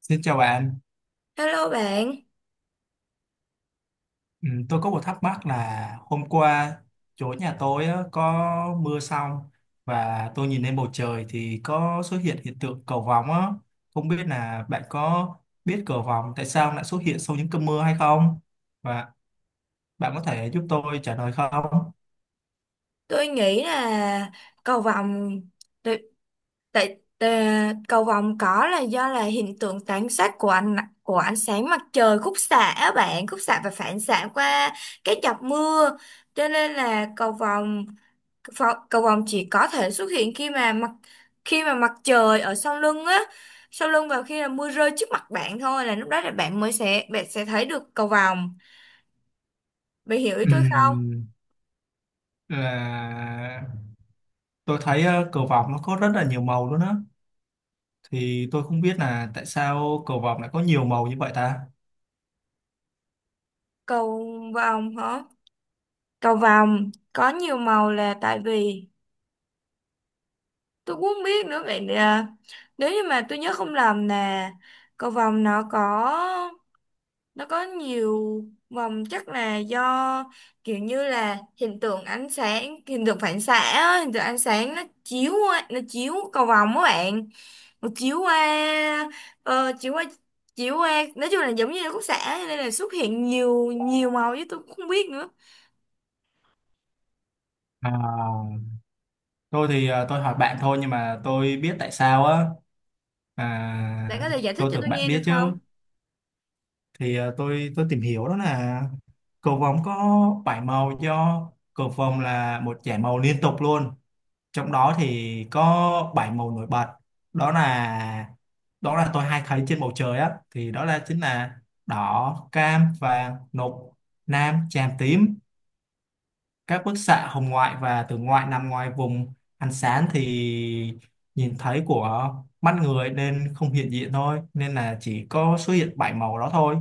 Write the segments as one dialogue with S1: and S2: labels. S1: Xin chào bạn.
S2: Hello bạn,
S1: Ừ, tôi có một thắc mắc là hôm qua chỗ nhà tôi á, có mưa xong và tôi nhìn lên bầu trời thì có xuất hiện hiện tượng cầu vồng á. Không biết là bạn có biết cầu vồng tại sao lại xuất hiện sau những cơn mưa hay không? Và bạn có thể giúp tôi trả lời không?
S2: tôi nghĩ là cầu vồng tại tại- tà- cầu vồng có là do là hiện tượng tán sát của ánh sáng mặt trời khúc xạ á bạn, khúc xạ và phản xạ qua cái giọt mưa. Cho nên là cầu vồng chỉ có thể xuất hiện khi mà mặt trời ở sau lưng á, sau lưng và khi là mưa rơi trước mặt bạn thôi, là lúc đó là bạn sẽ thấy được cầu vồng. Bạn hiểu ý tôi không?
S1: Ừm, là tôi thấy cầu vồng nó có rất là nhiều màu luôn á, thì tôi không biết là tại sao cầu vồng lại có nhiều màu như vậy ta?
S2: Cầu vồng hả? Cầu vồng có nhiều màu là tại vì tôi cũng không biết nữa vậy à, nếu như mà tôi nhớ không lầm nè, cầu vồng nó có nhiều vòng, chắc là do kiểu như là hiện tượng ánh sáng, hiện tượng phản xạ á, hiện tượng ánh sáng nó chiếu cầu vồng các bạn, nó chiếu qua ờ, chiếu qua chiếu qua, nói chung là giống như là khúc xạ nên là xuất hiện nhiều nhiều màu chứ tôi cũng không biết nữa.
S1: À, thôi thì tôi hỏi bạn thôi nhưng mà tôi biết tại sao á.
S2: Bạn
S1: à,
S2: có thể giải thích
S1: tôi
S2: cho
S1: tưởng
S2: tôi
S1: bạn
S2: nghe
S1: biết
S2: được
S1: chứ.
S2: không?
S1: Thì tôi tìm hiểu đó là cầu vồng có bảy màu, do cầu vồng là một dải màu liên tục luôn, trong đó thì có bảy màu nổi bật. đó là Đó là tôi hay thấy trên bầu trời á, thì đó là chính là đỏ, cam, vàng, lục, lam, chàm, tím. Các bức xạ hồng ngoại và tử ngoại nằm ngoài vùng ánh sáng thì nhìn thấy của mắt người nên không hiện diện thôi, nên là chỉ có xuất hiện bảy màu đó thôi.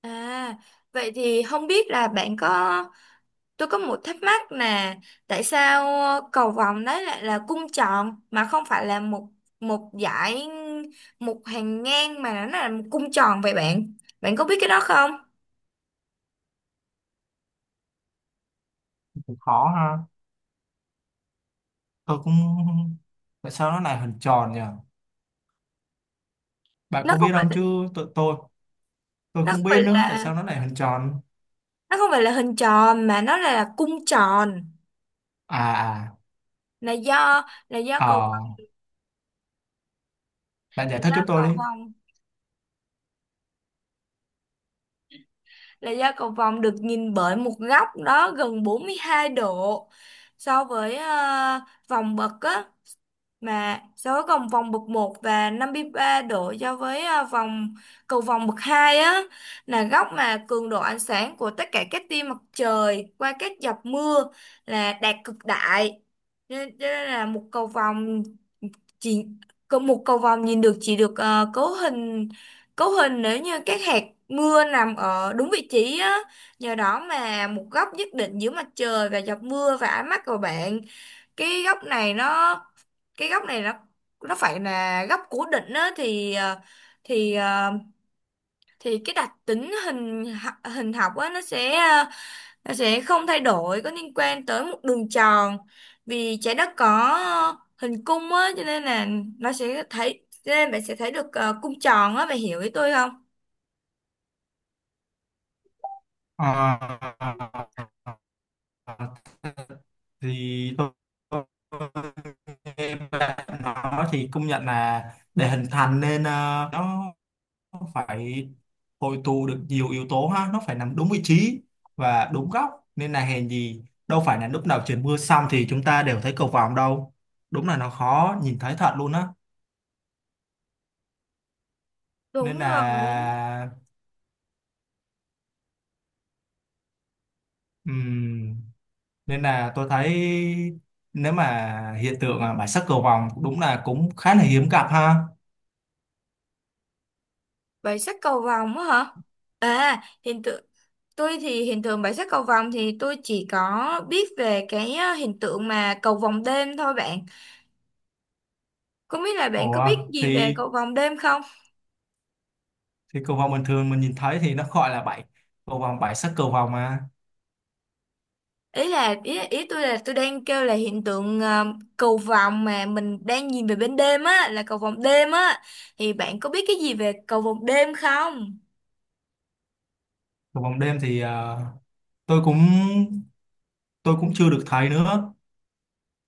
S2: À, vậy thì không biết là bạn có, tôi có một thắc mắc là tại sao cầu vồng đấy lại là cung tròn mà không phải là một một dải, một hàng ngang, mà nó là một cung tròn vậy bạn? Bạn có biết cái đó không?
S1: Cũng khó ha, tôi cũng, tại sao nó lại hình tròn nhỉ? Bạn
S2: Nó
S1: có
S2: không
S1: biết không
S2: phải
S1: chứ? Tụi Tôi
S2: nó không
S1: không
S2: phải
S1: biết nữa tại
S2: là
S1: sao nó lại hình tròn.
S2: nó không phải là hình tròn mà là cung tròn.
S1: À.
S2: là do là do
S1: À,
S2: cầu
S1: ờ, bạn
S2: là
S1: giải thích
S2: do
S1: giúp tôi
S2: cầu
S1: đi.
S2: vồng là do cầu vồng được nhìn bởi một góc đó gần 42 độ so với vòng bậc á, mà so với vòng vòng bậc một và 53 độ so với vòng bậc 2 á, là góc mà cường độ ánh sáng của tất cả các tia mặt trời qua các giọt mưa là đạt cực đại. Cho nên là một cầu vồng chỉ có một cầu vồng nhìn được, chỉ được cấu hình nếu như các hạt mưa nằm ở đúng vị trí á, nhờ đó mà một góc nhất định giữa mặt trời và giọt mưa và ánh mắt của bạn, cái góc này nó cái góc này nó phải là góc cố định á, thì ờ, thì cái đặc tính hình học á nó sẽ, nó sẽ không thay đổi có liên quan tới một đường tròn, vì trái đất có ờ, hình cung á, cho nên là nó sẽ thấy cho nên bạn sẽ thấy được cung tròn á, bạn hiểu ý tôi không?
S1: Ờ, thì tôi, nghe bạn nói thì công nhận là để hình thành nên nó phải hội tụ được nhiều yếu tố ha, nó phải nằm đúng vị trí và đúng góc. Nên là hèn gì đâu phải là lúc nào trời mưa xong thì chúng ta đều thấy cầu vồng đâu, đúng là nó khó nhìn thấy thật luôn á.
S2: Đúng
S1: Nên
S2: rồi.
S1: là ừm, nên là tôi thấy nếu mà hiện tượng bản sắc cầu vồng đúng là cũng khá là hiếm gặp ha.
S2: Bảy sắc cầu vồng á hả? À hiện tượng Tôi thì hiện tượng bảy sắc cầu vồng thì tôi chỉ có biết về cái hiện tượng mà cầu vồng đêm thôi bạn. Không biết là bạn có
S1: Ủa,
S2: biết gì về
S1: thì
S2: cầu vồng đêm không?
S1: thì cầu vồng bình thường mình nhìn thấy thì nó gọi là bảy, cầu vồng bảy sắc cầu vồng mà.
S2: Ý tôi là tôi đang kêu là hiện tượng cầu vồng mà mình đang nhìn về bên đêm á, là cầu vồng đêm á, thì bạn có biết cái gì về cầu vồng đêm không?
S1: Cầu vồng đêm thì tôi cũng, tôi cũng chưa được thấy nữa,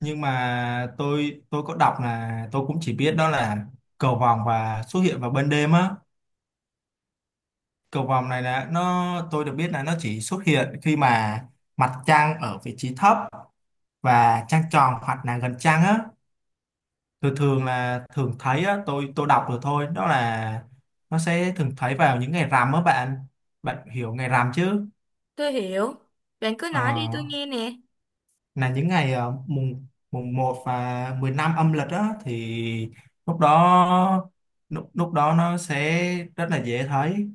S1: nhưng mà tôi có đọc là, tôi cũng chỉ biết đó là cầu vồng và xuất hiện vào ban đêm á. Cầu vồng này là nó, tôi được biết là nó chỉ xuất hiện khi mà mặt trăng ở vị trí thấp và trăng tròn hoặc là gần trăng á. Tôi thường là thường thấy á, tôi đọc được thôi, đó là nó sẽ thường thấy vào những ngày rằm á bạn. Bạn hiểu ngày rằm chứ?
S2: Tôi hiểu, bạn cứ
S1: Ờ,
S2: nói đi, tôi nghe nè.
S1: là những ngày mùng mùng một và 15 âm lịch á, thì lúc đó, lúc đó nó sẽ rất là dễ thấy.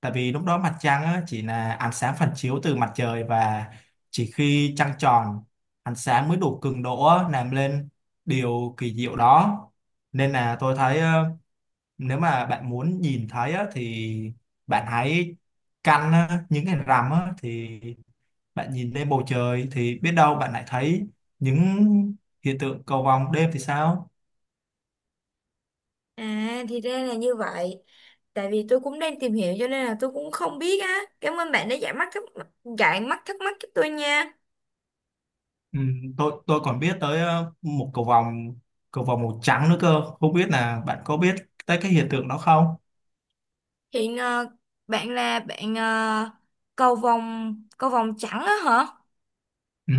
S1: Tại vì lúc đó mặt trăng á, chỉ là ánh sáng phản chiếu từ mặt trời, và chỉ khi trăng tròn, ánh sáng mới đủ cường độ á, làm lên điều kỳ diệu đó. Nên là tôi thấy nếu mà bạn muốn nhìn thấy á, thì bạn hãy căn á, những cái rằm á, thì bạn nhìn lên bầu trời thì biết đâu bạn lại thấy những hiện tượng cầu vồng đêm thì sao.
S2: À, thì ra là như vậy. Tại vì tôi cũng đang tìm hiểu cho nên là tôi cũng không biết á. Cảm ơn bạn đã giải mắt thắc mắc cho tôi nha.
S1: Ừ, tôi còn biết tới một cầu vồng, cầu vồng màu trắng nữa cơ, không biết là bạn có biết tới cái hiện tượng đó không?
S2: hiện ờ, bạn là bạn ờ, Cầu vồng trắng á hả?
S1: Ừ,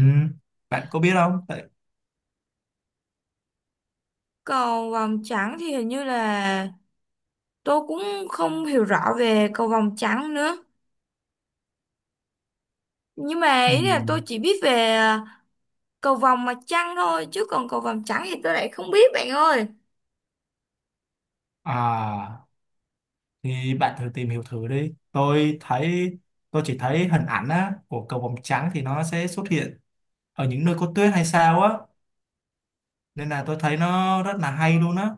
S1: bạn có biết không? Tại-
S2: Cầu vồng trắng thì hình như là tôi cũng không hiểu rõ về cầu vồng trắng nữa, nhưng mà
S1: ừ,
S2: ý là tôi chỉ biết về cầu vồng mặt trăng thôi, chứ còn cầu vồng trắng thì tôi lại không biết bạn ơi.
S1: à thì bạn thử tìm hiểu thử đi. Tôi thấy, tôi chỉ thấy hình ảnh á, của cầu vồng trắng thì nó sẽ xuất hiện ở những nơi có tuyết hay sao á. Nên là tôi thấy nó rất là hay luôn á.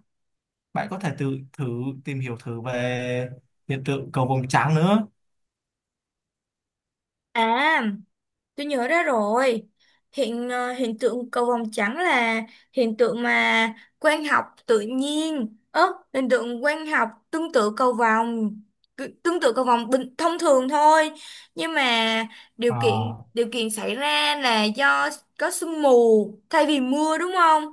S1: Bạn có thể tự thử tìm hiểu thử về hiện tượng cầu vồng trắng nữa.
S2: À, tôi nhớ ra rồi. Hiện tượng cầu vồng trắng là hiện tượng mà quang học tự nhiên. Hiện tượng quang học tương tự cầu vồng, tương tự cầu vồng bình thông thường thôi. Nhưng mà điều kiện
S1: Ờ,
S2: xảy ra là do có sương mù thay vì mưa, đúng không?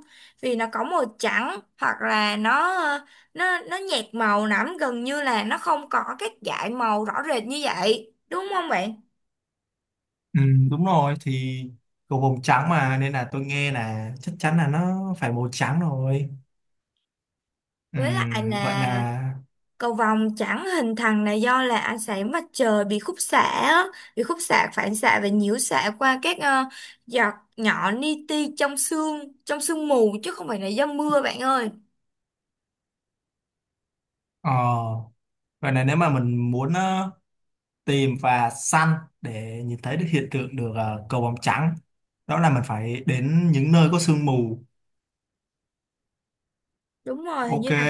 S2: Vì nó có màu trắng, hoặc là nó nhạt màu lắm, gần như là nó không có các dải màu rõ rệt như vậy. Đúng không bạn?
S1: ừ, đúng rồi, thì cầu vồng trắng mà, nên là tôi nghe là chắc chắn là nó phải màu trắng rồi. Ừ,
S2: Với lại
S1: vậy
S2: là
S1: là
S2: cầu vồng chẳng hình thành là do là ánh sáng mặt trời bị khúc xạ á, bị khúc xạ, phản xạ và nhiễu xạ qua các giọt nhỏ li ti trong sương mù, chứ không phải là do mưa bạn ơi.
S1: ờ, vậy là nếu mà mình muốn tìm và săn để nhìn thấy được hiện tượng, được cầu vồng trắng, đó là mình phải đến những nơi có sương mù.
S2: Đúng rồi, hình
S1: Ok,
S2: như là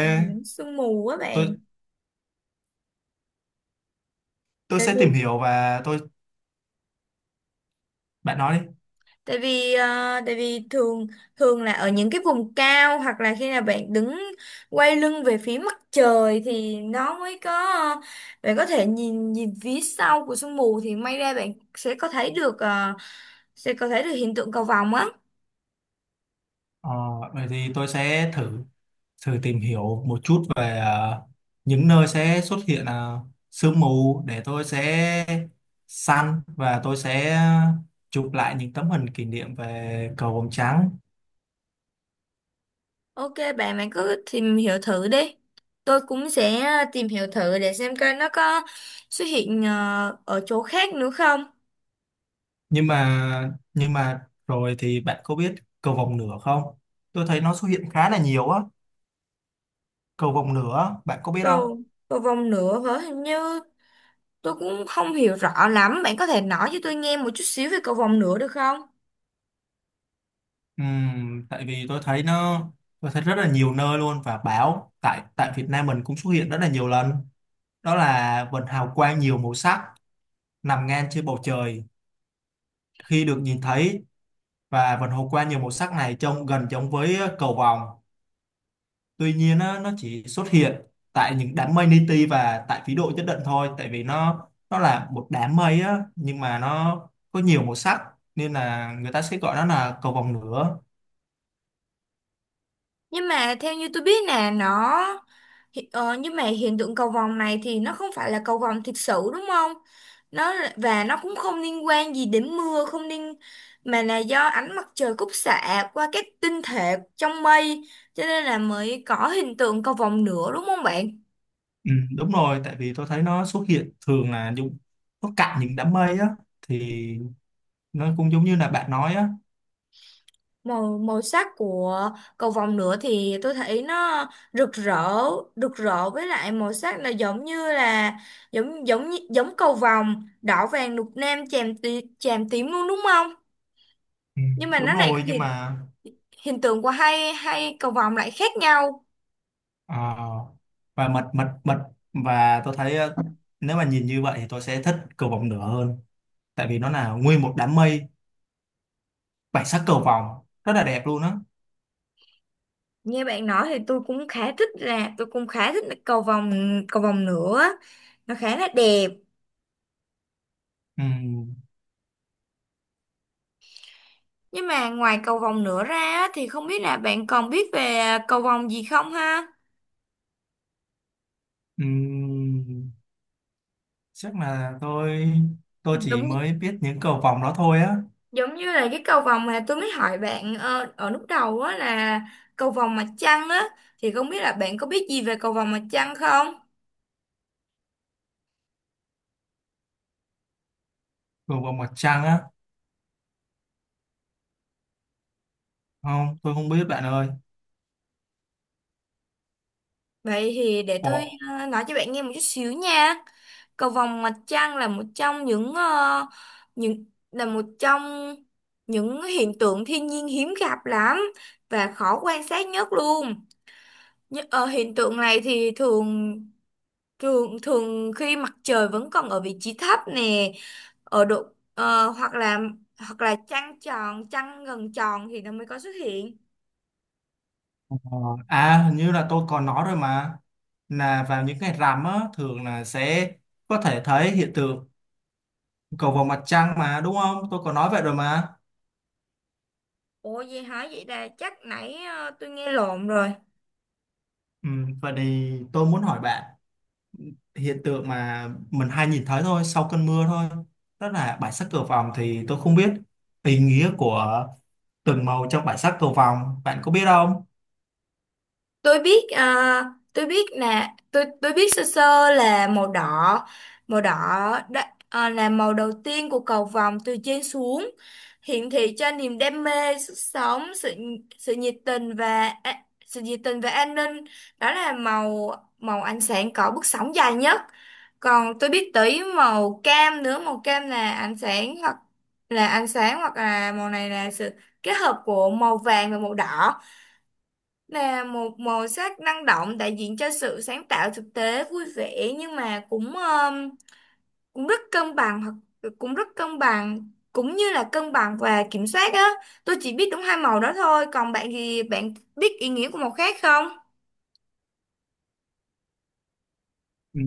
S2: sương mù á bạn.
S1: tôi tôi
S2: tại
S1: sẽ tìm
S2: vì
S1: hiểu và tôi, bạn nói đi.
S2: tại vì ờ, Tại vì thường, thường là ở những cái vùng cao, hoặc là khi nào bạn đứng quay lưng về phía mặt trời thì nó mới có, bạn có thể nhìn nhìn phía sau của sương mù thì may ra bạn sẽ có thấy được, hiện tượng cầu vồng á.
S1: Ờ, vậy thì tôi sẽ thử, thử tìm hiểu một chút về những nơi sẽ xuất hiện sương mù, để tôi sẽ săn và tôi sẽ chụp lại những tấm hình kỷ niệm về cầu vồng trắng.
S2: Ok bạn bạn cứ tìm hiểu thử đi, tôi cũng sẽ tìm hiểu thử để xem coi nó có xuất hiện ở chỗ khác nữa không.
S1: Nhưng mà rồi thì bạn có biết cầu vồng nửa không? Tôi thấy nó xuất hiện khá là nhiều á. Cầu vồng nửa, bạn có biết không?
S2: Cầu Cầu vồng nữa hả? Hình như tôi cũng không hiểu rõ lắm, bạn có thể nói cho tôi nghe một chút xíu về cầu vồng nữa được không?
S1: Tại vì tôi thấy nó, tôi thấy rất là nhiều nơi luôn, và báo tại tại Việt Nam mình cũng xuất hiện rất là nhiều lần. Đó là vần hào quang nhiều màu sắc nằm ngang trên bầu trời khi được nhìn thấy, và vần hào quang nhiều màu sắc này trông gần giống với cầu vồng. Tuy nhiên á, nó chỉ xuất hiện tại những đám mây li ti và tại phí độ nhất định thôi, tại vì nó là một đám mây á, nhưng mà nó có nhiều màu sắc, nên là người ta sẽ gọi nó là cầu vồng lửa.
S2: Nhưng mà theo như tôi biết nè, nhưng mà hiện tượng cầu vồng này thì nó không phải là cầu vồng thực sự, đúng không? Và nó cũng không liên quan gì đến mưa, không liên mà là do ánh mặt trời khúc xạ qua các tinh thể trong mây, cho nên là mới có hiện tượng cầu vồng nữa, đúng không bạn?
S1: Ừ, đúng rồi, tại vì tôi thấy nó xuất hiện thường là dùng, nó cạn những đám mây á, thì nó cũng giống như là bạn nói á.
S2: Màu Màu sắc của cầu vồng nữa thì tôi thấy nó rực rỡ, với lại màu sắc là giống như là giống giống như- giống cầu vồng: đỏ, vàng, lục, lam, chàm, chàm tím luôn, đúng không?
S1: Ừ,
S2: Nhưng mà
S1: đúng
S2: nó lại
S1: rồi nhưng
S2: hiện
S1: mà,
S2: hiện tượng của hai hai cầu vồng lại khác nhau.
S1: ờ, và mật mật mật và tôi thấy nếu mà nhìn như vậy thì tôi sẽ thích cầu vồng lửa hơn, tại vì nó là nguyên một đám mây bảy sắc cầu vồng rất là đẹp luôn á.
S2: Nghe bạn nói thì tôi cũng khá thích, cầu vồng nữa, nó khá là đẹp.
S1: Ừm,
S2: Nhưng mà ngoài cầu vồng nữa ra á, thì không biết là bạn còn biết về cầu vồng gì không ha?
S1: ừm, Chắc là tôi chỉ
S2: Đúng,
S1: mới biết những cầu vồng đó thôi á.
S2: giống như là cái cầu vồng mà tôi mới hỏi bạn ở lúc đầu á, là cầu vồng mặt trăng á, thì không biết là bạn có biết gì về cầu vồng mặt trăng không?
S1: Cầu vồng mặt trăng á, không, tôi không biết bạn ơi.
S2: Vậy thì để tôi
S1: Ồ,
S2: nói cho bạn nghe một chút xíu nha. Cầu vồng mặt trăng là một trong những những là một trong những hiện tượng thiên nhiên hiếm gặp lắm và khó quan sát nhất luôn. Hiện tượng này thì thường, thường khi mặt trời vẫn còn ở vị trí thấp nè, ở độ, hoặc là trăng tròn, trăng gần tròn thì nó mới có xuất hiện.
S1: ờ, à hình như là tôi còn nói rồi mà, là vào những ngày rằm á thường là sẽ có thể thấy hiện tượng cầu vồng mặt trăng mà, đúng không? Tôi còn nói vậy rồi mà.
S2: Ủa gì hả? Vậy là chắc nãy tôi nghe lộn rồi.
S1: Ừ, vậy thì tôi muốn hỏi bạn, hiện tượng mà mình hay nhìn thấy thôi sau cơn mưa thôi, đó là bãi sắc cầu vồng, thì tôi không biết ý nghĩa của từng màu trong bãi sắc cầu vồng, bạn có biết không?
S2: Tôi biết, tôi biết nè, tôi biết sơ sơ là màu đỏ. màu đỏ Đó, à, là màu đầu tiên của cầu vồng từ trên xuống, hiển thị cho niềm đam mê, sức sống, sự, nhiệt tình, và sự nhiệt tình và an ninh. Đó là màu, ánh sáng có bước sóng dài nhất. Còn tôi biết tới màu cam nữa. Màu cam là ánh sáng, hoặc là ánh sáng hoặc là màu này là sự kết hợp của màu vàng và màu đỏ, là một màu sắc năng động đại diện cho sự sáng tạo, thực tế, vui vẻ, nhưng mà cũng, cũng rất cân bằng, cũng như là cân bằng và kiểm soát á. Tôi chỉ biết đúng hai màu đó thôi, còn bạn thì bạn biết ý nghĩa của màu khác không?
S1: Ừ,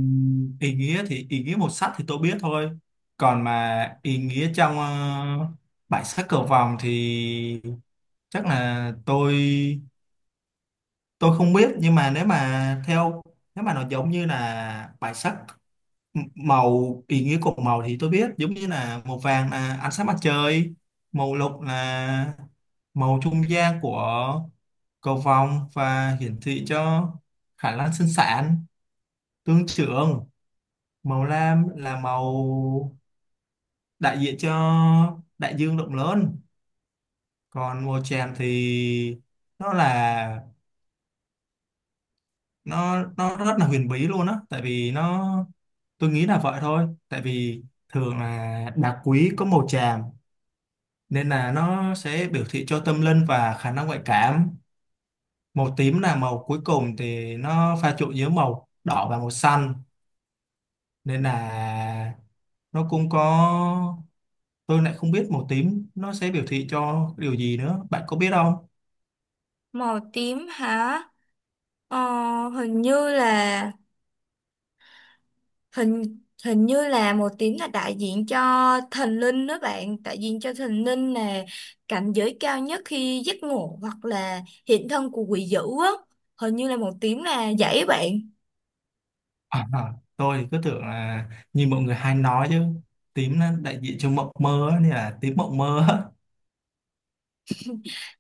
S1: ý nghĩa thì, ý nghĩa màu sắc thì tôi biết thôi, còn mà ý nghĩa trong bãi sắc cầu vồng thì chắc là tôi không biết. Nhưng mà nếu mà theo, nếu mà nó giống như là bãi sắc, M- màu, ý nghĩa của màu thì tôi biết, giống như là màu vàng là ánh sáng mặt trời, màu lục là màu trung gian của cầu vồng và hiển thị cho khả năng sinh sản, tương trưởng. Màu lam là màu đại diện cho đại dương rộng lớn. Còn màu chàm thì nó là, nó rất là huyền bí luôn á, tại vì nó, tôi nghĩ là vậy thôi, tại vì thường là đá quý có màu chàm, nên là nó sẽ biểu thị cho tâm linh và khả năng ngoại cảm. Màu tím là màu cuối cùng, thì nó pha trộn giữa màu đỏ và màu xanh, nên là nó cũng có, tôi lại không biết màu tím nó sẽ biểu thị cho điều gì nữa, bạn có biết không?
S2: Màu tím hả? ờ, Hình như là, hình hình như là một tiếng là đại diện cho thần linh đó bạn. Đại diện cho thần linh là cảnh giới cao nhất khi giấc ngủ, hoặc là hiện thân của quỷ dữ á. Hình như là một tiếng là vậy á bạn.
S1: À, à, tôi thì cứ tưởng là như mọi người hay nói chứ, tím nó đại diện cho mộng mơ á, nên là tím mộng mơ á.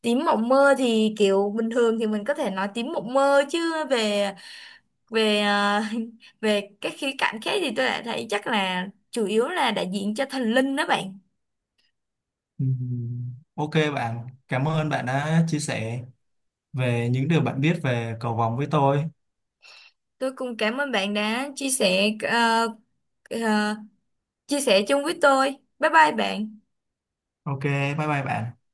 S2: Tiếng mộng mơ thì kiểu bình thường thì mình có thể nói tiếng mộng mơ, chứ về, về ờ, về các khía cạnh khác thì tôi lại thấy chắc là chủ yếu là đại diện cho thần linh đó bạn.
S1: Ok bạn, cảm ơn bạn đã chia sẻ về những điều bạn biết về cầu vồng với tôi.
S2: Tôi cũng cảm ơn bạn đã chia sẻ, ờ, chia sẻ chung với tôi. Bye bye bạn.
S1: Ok, bye bye bạn.